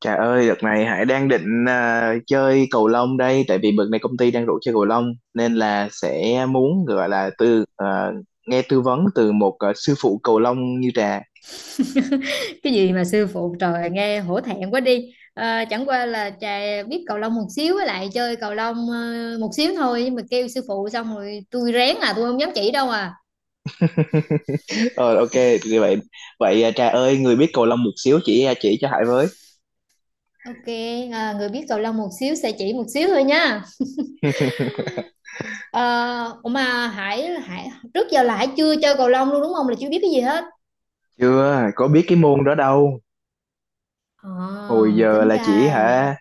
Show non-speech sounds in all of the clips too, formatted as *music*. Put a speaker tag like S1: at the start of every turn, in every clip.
S1: Trời ơi, đợt này Hải đang định chơi cầu lông đây, tại vì bữa này công ty đang rủ chơi cầu lông nên là sẽ muốn gọi là từ nghe tư vấn từ một sư phụ cầu lông như Trà.
S2: *laughs* Cái gì mà sư phụ, trời, nghe hổ thẹn quá đi. Ờ, chẳng qua là trà biết cầu lông một xíu, với lại chơi cầu lông một xíu thôi, nhưng mà kêu sư phụ xong rồi tôi rén, à tôi không dám chỉ đâu à.
S1: Rồi ok, như vậy vậy à, Trà ơi, người biết cầu lông một xíu chỉ chỉ cho Hải với.
S2: Ok. Người biết cầu lông một xíu sẽ chỉ một xíu thôi nha. Ờ, ủa mà Hải Hải trước giờ là Hải chưa chơi cầu lông luôn đúng không, là chưa biết cái gì hết.
S1: Chưa, có biết cái môn đó đâu.
S2: Ờ,
S1: Hồi giờ
S2: tính
S1: là chỉ
S2: ra
S1: hả,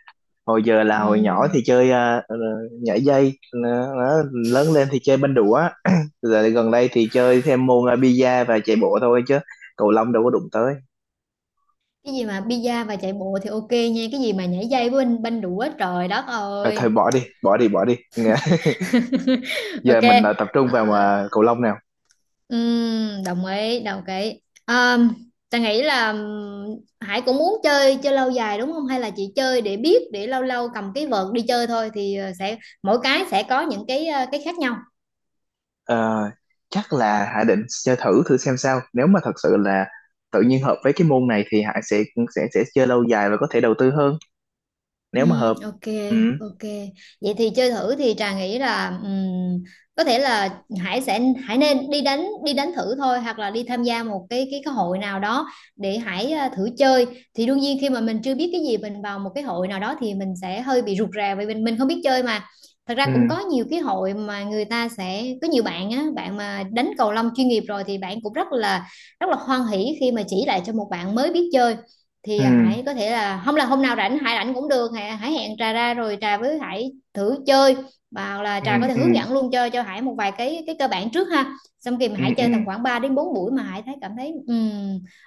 S1: hồi giờ là hồi nhỏ thì
S2: ừm,
S1: chơi nhảy dây, nó lớn lên thì chơi banh đũa. *clears throat* Giờ gần đây thì chơi thêm môn bi và chạy bộ thôi chứ cầu lông đâu có đụng tới.
S2: cái gì mà bida và chạy bộ thì ok nha, cái gì mà nhảy dây với banh banh đũa, trời đất
S1: À, thôi
S2: ơi.
S1: bỏ đi bỏ đi bỏ đi. *laughs*
S2: *laughs*
S1: Giờ
S2: Ok.
S1: mình tập trung
S2: ờ,
S1: vào cầu lông nào.
S2: Ừm, đồng ý đồng ý. Um, ta nghĩ là Hải cũng muốn chơi chơi lâu dài đúng không, hay là chị chơi để biết, để lâu lâu cầm cái vợt đi chơi thôi, thì sẽ mỗi cái sẽ có những cái cái khác nhau.
S1: Ờ, chắc là Hải định chơi thử thử xem sao, nếu mà thật sự là tự nhiên hợp với cái môn này thì Hải sẽ sẽ chơi lâu dài và có thể đầu tư hơn
S2: Ừ,
S1: nếu mà hợp.
S2: ok
S1: Ừ.
S2: ok. Vậy thì chơi thử thì Trà nghĩ là có thể là Hải sẽ Hải nên đi đánh, đi đánh thử thôi, hoặc là đi tham gia một cái cái hội nào đó để Hải thử chơi. Thì đương nhiên khi mà mình chưa biết cái gì, mình vào một cái hội nào đó thì mình sẽ hơi bị rụt rè, vì mình không biết chơi mà. Thật ra
S1: Ừ.
S2: cũng có nhiều cái hội mà người ta sẽ có nhiều bạn á, bạn mà đánh cầu lông chuyên nghiệp rồi thì bạn cũng rất là hoan hỉ khi mà chỉ lại cho một bạn mới biết chơi. Thì
S1: Ừ.
S2: Hải có thể là, không là hôm nào rảnh Hải rảnh cũng được, Hải hẹn Trà ra rồi Trà với Hải thử chơi. Và là
S1: Ừ.
S2: Trà có thể
S1: Ừ.
S2: hướng dẫn luôn cho Hải một vài cái cơ bản trước ha, xong khi mà
S1: Ừ.
S2: Hải
S1: Ừ.
S2: chơi tầm khoảng 3 đến 4 buổi mà Hải thấy cảm thấy ừm,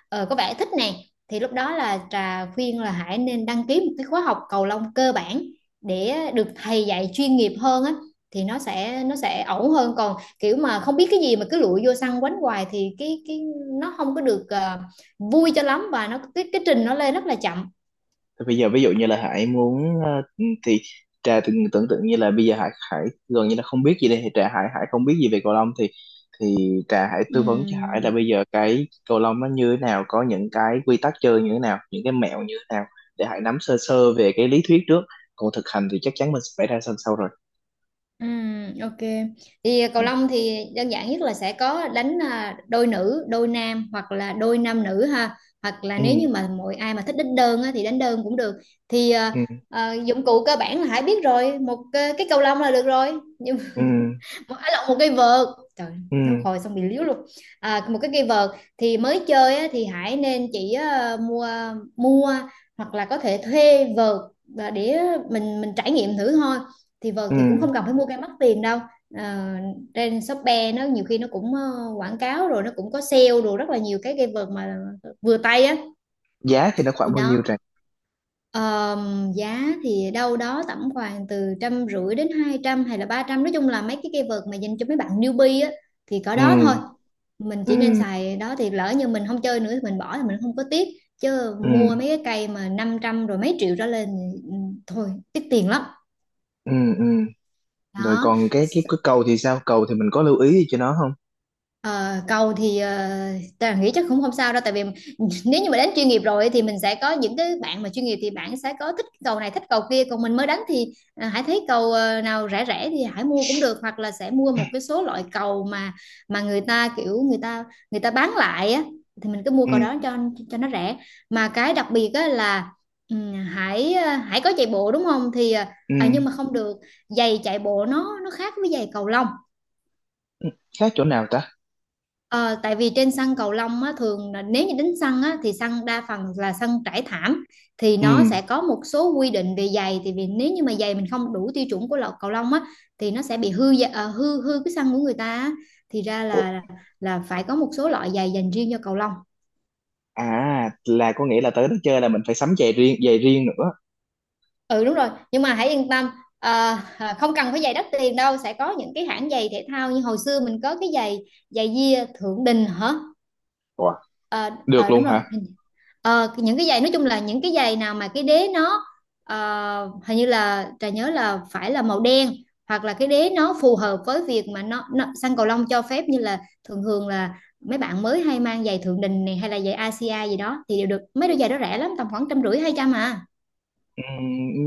S2: ờ, có vẻ thích nè, thì lúc đó là Trà khuyên là Hải nên đăng ký một cái khóa học cầu lông cơ bản để được thầy dạy chuyên nghiệp hơn á. Thì nó sẽ ổn hơn, còn kiểu mà không biết cái gì mà cứ lụi vô sân quánh hoài thì cái nó không có được vui cho lắm, và nó cái trình nó lên rất là chậm.
S1: Thế bây giờ ví dụ như là Hải muốn thì Trà từng tưởng tượng như là bây giờ Hải Hải gần như là không biết gì đây thì Trà Hải Hải không biết gì về cầu lông thì Trà Hải tư vấn cho Hải là
S2: Ừm,
S1: bây giờ cái cầu lông nó như thế nào, có những cái quy tắc chơi như thế nào, những cái mẹo như thế nào để Hải nắm sơ sơ về cái lý thuyết trước, còn thực hành thì chắc chắn mình sẽ phải ra sân sau rồi.
S2: ok. Thì
S1: Ừ.
S2: cầu lông thì đơn giản nhất là sẽ có đánh đôi nữ đôi nam, hoặc là đôi nam nữ ha. Hoặc là
S1: Ừ.
S2: nếu như mà mọi ai mà thích đánh đơn á thì đánh đơn cũng được. Thì
S1: Ừ.
S2: dụng cụ cơ bản là Hải biết rồi, một cái cầu lông là được rồi.
S1: Ừ.
S2: Một, à, lộn, một cây vợt. Trời, nó
S1: Ừ.
S2: hồi xong bị liếu luôn. À, một cái cây vợt. Thì mới chơi á thì Hải nên chỉ mua mua, hoặc là có thể thuê vợt, và để mình trải nghiệm thử thôi. Thì vợt
S1: Ừ.
S2: thì cũng không cần phải mua cây mắc tiền đâu. Ờ, trên Shopee nó nhiều khi nó cũng quảng cáo, rồi nó cũng có sale rồi rất là nhiều cái cây vợt mà vừa tay á.
S1: Giá thì nó
S2: Thì
S1: khoảng bao nhiêu
S2: đó.
S1: Trà?
S2: Ờ, giá thì đâu đó tầm khoảng từ 150 đến 200 hay là 300, nói chung là mấy cái keyword mà dành cho mấy bạn newbie á, thì có
S1: Ừ.
S2: đó thôi. Mình chỉ nên
S1: Ừ.
S2: xài đó, thì lỡ như mình không chơi nữa thì mình bỏ thì mình không có tiếc. Chứ
S1: Ừ.
S2: mua mấy cái cây mà 500 rồi mấy triệu trở lên thì, thôi tiếc tiền lắm.
S1: Ừ. Ừ. Rồi
S2: Đó.
S1: còn cái cầu thì sao? Cầu thì mình có lưu ý gì cho nó không?
S2: Ờ, cầu thì ta nghĩ chắc cũng không sao đâu, tại vì nếu như mà đánh chuyên nghiệp rồi thì mình sẽ có những cái bạn mà chuyên nghiệp thì bạn sẽ có thích cầu này thích cầu kia, còn mình mới đánh thì hãy thấy cầu nào rẻ rẻ thì hãy mua cũng được, hoặc là sẽ mua một cái số loại cầu mà người ta kiểu người ta bán lại á, thì mình cứ mua
S1: Ừ.
S2: cầu đó cho nó rẻ. Mà cái đặc biệt á là hãy có chạy bộ đúng không, thì
S1: Ừ.
S2: nhưng mà không được, giày chạy bộ nó khác với giày cầu lông.
S1: Khác chỗ nào ta?
S2: Ờ, tại vì trên sân cầu lông á, thường là nếu như đánh sân á thì sân đa phần là sân trải thảm, thì
S1: Ừ.
S2: nó sẽ có một số quy định về giày. Thì vì nếu như mà giày mình không đủ tiêu chuẩn của lọ cầu lông á, thì nó sẽ bị hư gia- ờ, hư hư cái sân của người ta á. Thì ra
S1: Ủa,
S2: là phải có một số loại giày dành riêng cho cầu lông.
S1: à là có nghĩa là tới đó chơi là mình phải sắm giày riêng nữa.
S2: Ừ đúng rồi, nhưng mà hãy yên tâm, ờ, không cần phải giày đắt tiền đâu, sẽ có những cái hãng giày thể thao như hồi xưa mình có cái giày giày Gia thượng đình hả.
S1: Ủa,
S2: Ờ,
S1: được
S2: ờ,
S1: luôn
S2: đúng rồi.
S1: hả?
S2: Những cái giày nói chung là những cái giày nào mà cái đế nó ờ, hình như là Trà nhớ là phải là màu đen, hoặc là cái đế nó phù hợp với việc mà nó sang cầu lông cho phép, như là thường thường là mấy bạn mới hay mang giày Thượng Đình này hay là giày Asia gì đó thì đều được, mấy đôi giày đó rẻ lắm tầm khoảng 150 200 à.
S1: Ừ,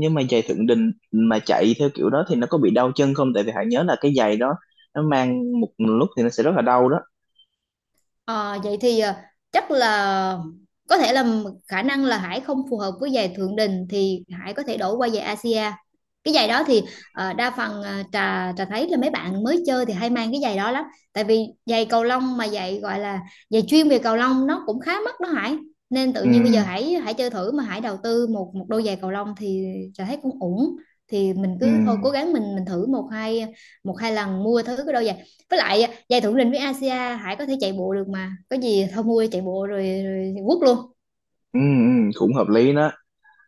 S1: nhưng mà giày Thượng Đình mà chạy theo kiểu đó thì nó có bị đau chân không? Tại vì hãy nhớ là cái giày đó nó mang một lúc thì nó sẽ rất là đau đó.
S2: Ờ, vậy thì chắc là có thể là khả năng là Hải không phù hợp với giày Thượng Đình, thì Hải có thể đổi qua giày Asia. Cái giày đó thì đa phần trà trà thấy là mấy bạn mới chơi thì hay mang cái giày đó lắm. Tại vì giày cầu lông mà giày gọi là giày chuyên về cầu lông nó cũng khá mắc đó Hải. Nên tự
S1: Ừ.
S2: nhiên bây giờ Hải Hải chơi thử mà Hải đầu tư một một đôi giày cầu lông thì trà thấy cũng ổn. Thì mình
S1: Ừ.
S2: cứ thôi cố gắng mình thử một hai lần mua thử cái đôi giày, với lại giải thưởng rình với Asia Hải có thể chạy bộ được mà, có gì thôi mua chạy bộ rồi quất luôn.
S1: Ừ. Ừ, cũng hợp lý đó.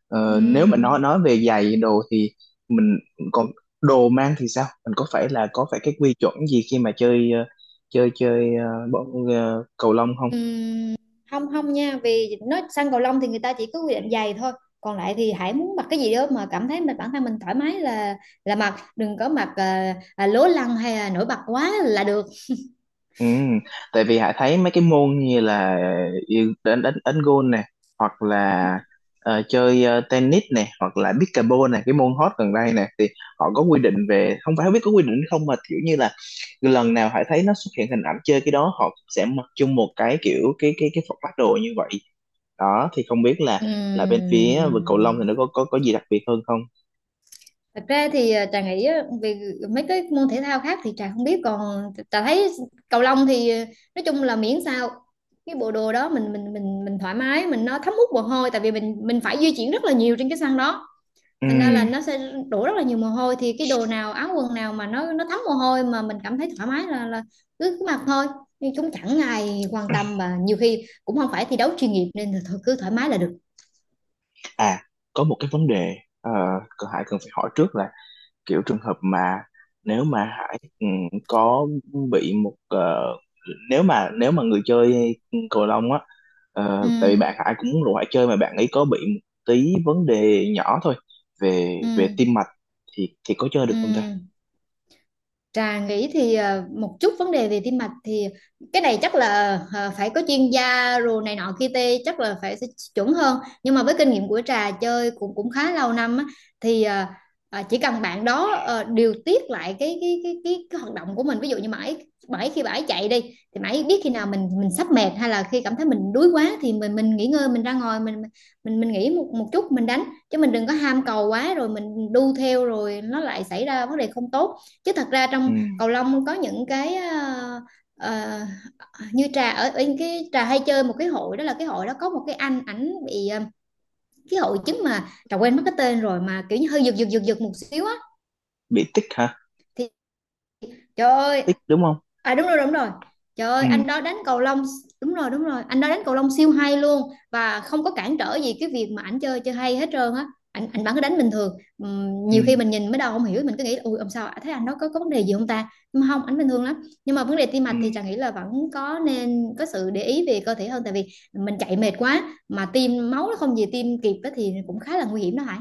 S1: Ờ, nếu mà nói
S2: Ừm,
S1: nói về giày đồ thì mình còn đồ mang thì sao, mình có phải là có phải cái quy chuẩn gì khi mà chơi chơi chơi cầu lông không?
S2: ừm, không không nha, vì nói sang cầu lông thì người ta chỉ có quy định giày thôi, còn lại thì Hải muốn mặc cái gì đó mà cảm thấy mình bản thân mình thoải mái là mặc, đừng có mặc lố lăng hay là nổi bật quá là được.
S1: Ừ, tại vì Hải thấy mấy cái môn như là yêu- đánh đánh đánh golf nè, hoặc là chơi tennis nè, hoặc là pickleball nè, cái môn hot gần đây nè, thì họ có quy định về không phải, không biết có quy định hay không, mà kiểu như là lần nào Hải thấy nó xuất hiện hình ảnh chơi cái đó họ sẽ mặc chung một cái kiểu cái phong phát đồ như vậy đó, thì không biết là bên phía vực cầu lông thì
S2: Ừm.
S1: nó có có gì đặc biệt hơn không?
S2: Thật ra thì Trà nghĩ á, về mấy cái môn thể thao khác thì Trà không biết, còn Trà thấy cầu lông thì nói chung là miễn sao cái bộ đồ đó mình thoải mái, mình nó thấm hút mồ hôi, tại vì mình phải di chuyển rất là nhiều trên cái sân đó,
S1: Ừ,
S2: thành ra là nó sẽ đổ rất là nhiều mồ hôi, thì cái đồ nào áo quần nào mà nó thấm mồ hôi mà mình cảm thấy thoải mái là cứ cứ mặc thôi. Nhưng chúng chẳng ai quan tâm và nhiều khi cũng không phải thi đấu chuyên nghiệp, nên là thôi cứ thoải mái là được.
S1: à có một cái vấn đề, Hải cần phải hỏi trước là kiểu trường hợp mà nếu mà Hải ừ, có bị một nếu mà người chơi cầu lông á,
S2: Ừ
S1: tại vì bạn Hải cũng muốn rủ Hải chơi mà bạn ấy có bị một tí vấn đề nhỏ thôi về về
S2: ừ
S1: tim mạch thì có chơi được
S2: ừ.
S1: không ta?
S2: Trà nghĩ thì một chút vấn đề về tim mạch thì cái này chắc là phải có chuyên gia rồi này nọ kia tê chắc là phải sẽ chuẩn hơn, nhưng mà với kinh nghiệm của Trà chơi cũng cũng khá lâu năm á, thì chỉ cần bạn đó điều tiết lại cái hoạt động của mình, ví dụ như mãi mãi khi bãi chạy đi thì mãi biết khi nào mình sắp mệt, hay là khi cảm thấy mình đuối quá thì mình nghỉ ngơi, mình ra ngoài mình nghỉ một một chút mình đánh, chứ mình đừng có ham cầu quá rồi mình đu theo rồi nó lại xảy ra vấn đề không tốt. Chứ thật ra
S1: Ừ.
S2: trong cầu lông có những cái ờ, như trà ở cái trà hay chơi một cái hội đó, là cái hội đó có một cái anh ảnh bị cái hội chứng mà trà quên mất cái tên rồi, mà kiểu như hơi giật giật giật giật một xíu á.
S1: Bị tích hả,
S2: Thì trời ơi.
S1: tích đúng không?
S2: À, đúng rồi đúng rồi. Trời ơi
S1: Ừ.
S2: anh đó đánh cầu lông. Đúng rồi đúng rồi anh đó đánh cầu lông siêu hay luôn, và không có cản trở gì cái việc mà ảnh chơi chơi hay hết trơn á. Anh bắn cái đánh bình thường.
S1: Ừ.
S2: Nhiều khi mình nhìn mới đầu không hiểu mình cứ nghĩ là, ui làm sao thấy anh đó có vấn đề gì không ta. Nhưng mà không, ảnh bình thường lắm. Nhưng mà vấn đề tim
S1: Ừ.
S2: mạch thì Trà nghĩ là vẫn có, nên có sự để ý về cơ thể hơn, tại vì mình chạy mệt quá mà tim máu nó không về tim kịp á thì cũng khá là nguy hiểm đó Hải.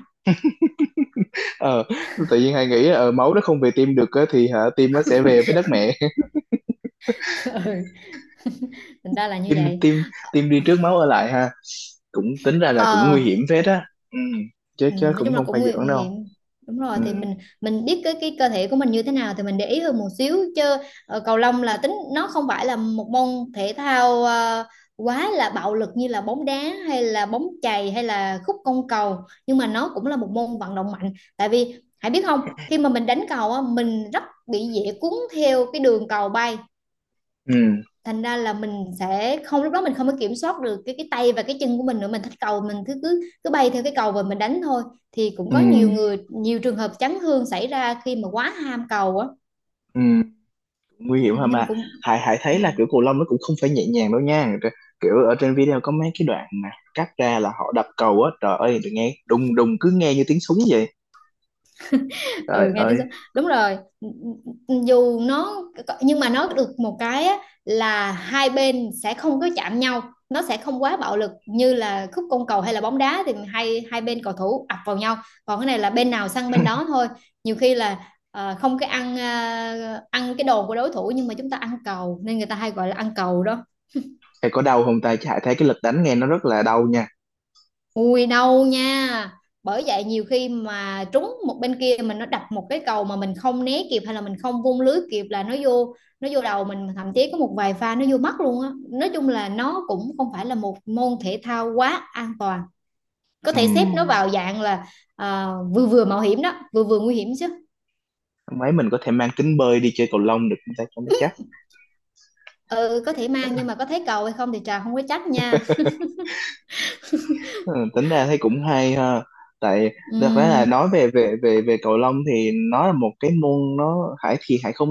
S1: Ờ, tự nhiên Hải nghĩ máu nó không về tim được á, thì hả tim nó sẽ về với đất mẹ.
S2: *laughs* Ừ, thành ra là như
S1: tim
S2: vậy.
S1: tim tim đi trước máu ở lại ha, cũng tính ra là cũng
S2: Ờ.
S1: nguy hiểm phết á. Ừ. Chứ
S2: Ừ,
S1: chứ
S2: nói
S1: cũng
S2: chung là
S1: không
S2: cũng
S1: phải
S2: nguy
S1: giỡn đâu.
S2: hiểm, đúng rồi.
S1: Ừ.
S2: Thì mình biết cái cơ thể của mình như thế nào thì mình để ý hơn một xíu chứ. Cầu lông là tính nó không phải là một môn thể thao quá là bạo lực như là bóng đá hay là bóng chày hay là khúc côn cầu, nhưng mà nó cũng là một môn vận động mạnh, tại vì hãy biết không, khi mà mình đánh cầu á, mình rất bị dễ cuốn theo cái đường cầu bay,
S1: Ừ.
S2: thành ra là mình sẽ không, lúc đó mình không có kiểm soát được cái tay và cái chân của mình nữa, mình thích cầu mình cứ cứ cứ bay theo cái cầu và mình đánh thôi. Thì cũng
S1: Ừ.
S2: có nhiều người, nhiều trường hợp chấn thương xảy ra khi mà quá ham cầu á.
S1: Ừ. Nguy
S2: Ừ,
S1: hiểm hả mà,
S2: nên cũng.
S1: Hải Hải thấy là
S2: Ừ.
S1: kiểu cầu lông nó cũng không phải nhẹ nhàng đâu nha. Rồi, kiểu ở trên video có mấy cái đoạn mà cắt ra là họ đập cầu á, trời ơi tôi nghe đùng đùng cứ nghe như tiếng súng vậy, trời
S2: Ừ, nghe tiếng
S1: ơi.
S2: sấm, đúng rồi. Dù nó, nhưng mà nó được một cái á, là hai bên sẽ không có chạm nhau, nó sẽ không quá bạo lực như là khúc côn cầu hay là bóng đá thì hai hai bên cầu thủ ập vào nhau, còn cái này là bên nào săn bên đó thôi. Nhiều khi là không cái ăn, ăn cái đồ của đối thủ, nhưng mà chúng ta ăn cầu nên người ta hay gọi là ăn cầu đó.
S1: Hải có đau không ta, chứ Hải thấy cái lực đánh nghe nó rất là đau nha.
S2: Ui đâu nha. Bởi vậy nhiều khi mà trúng một bên kia, mình nó đập một cái cầu mà mình không né kịp hay là mình không vung lưới kịp là nó vô. Nó vô đầu mình, thậm chí có một vài pha nó vô mắt luôn á. Nói chung là nó cũng không phải là một môn thể thao quá an toàn. Có
S1: Ừ.
S2: thể xếp nó vào dạng là Vừa vừa mạo hiểm đó, Vừa vừa nguy hiểm chứ.
S1: Mấy mình có thể mang kính bơi đi chơi cầu lông được không ta cho nó chắc?
S2: Ừ có thể mang, nhưng mà có thấy cầu hay không thì Trà không có trách nha.
S1: Ừ, tính ra thấy cũng hay ha. Tại
S2: Ừ,
S1: thật ra là nói về về cầu lông thì nó là một cái môn, nó Hải thì Hải không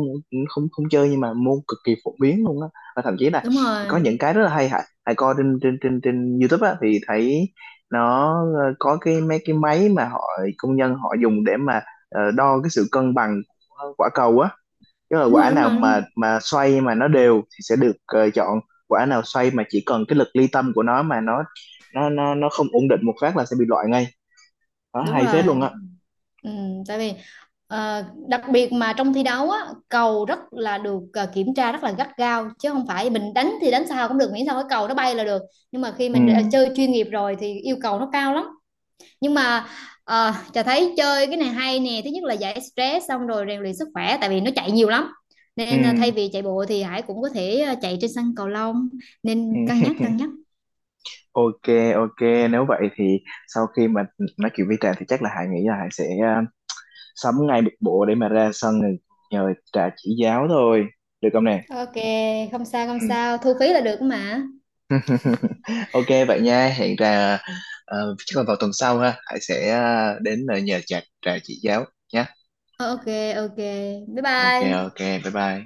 S1: không không chơi, nhưng mà môn cực kỳ phổ biến luôn á, và thậm chí là
S2: Đúng
S1: có
S2: rồi
S1: những cái rất là hay. Hải Hải coi trên trên YouTube á thì thấy nó có cái mấy cái máy mà họ công nhân họ dùng để mà đo cái sự cân bằng của quả cầu á. Chứ là
S2: Đúng rồi
S1: quả
S2: đúng
S1: nào
S2: rồi Đúng
S1: mà
S2: rồi
S1: xoay mà nó đều thì sẽ được chọn, quả nào xoay mà chỉ cần cái lực ly tâm của nó mà nó không ổn định một phát là sẽ bị loại ngay, đó
S2: Đúng
S1: hay phết
S2: rồi.
S1: luôn á.
S2: Ừ, tại vì ờ, đặc biệt mà trong thi đấu á, cầu rất là được kiểm tra rất là gắt gao, chứ không phải mình đánh thì đánh sao cũng được miễn sao cái cầu nó bay là được, nhưng mà khi
S1: Ừ.
S2: mình đã chơi chuyên nghiệp rồi thì yêu cầu nó cao lắm. Nhưng mà Trà thấy chơi cái này hay nè, thứ nhất là giải stress, xong rồi rèn luyện sức khỏe tại vì nó chạy nhiều lắm,
S1: Ừ.
S2: nên thay vì chạy bộ thì Hải cũng có thể chạy trên sân cầu lông. Nên cân
S1: Ừ.
S2: nhắc cân nhắc.
S1: Ok. Ok, nếu vậy thì sau khi mà nói chuyện với Trà thì chắc là Hải nghĩ là Hải sẽ sắm ngay một bộ để mà ra sân rồi nhờ Trà chỉ giáo thôi, được không nè?
S2: OK, không sao không
S1: Ừ.
S2: sao, thu phí là được mà.
S1: Ok vậy nha, hẹn Trà chắc là vào tuần sau ha, Hải sẽ đến nhờ Trà Trà chỉ giáo nhé.
S2: Ờ, OK. OK. Bye
S1: Ok.
S2: bye.
S1: Ok, bye bye.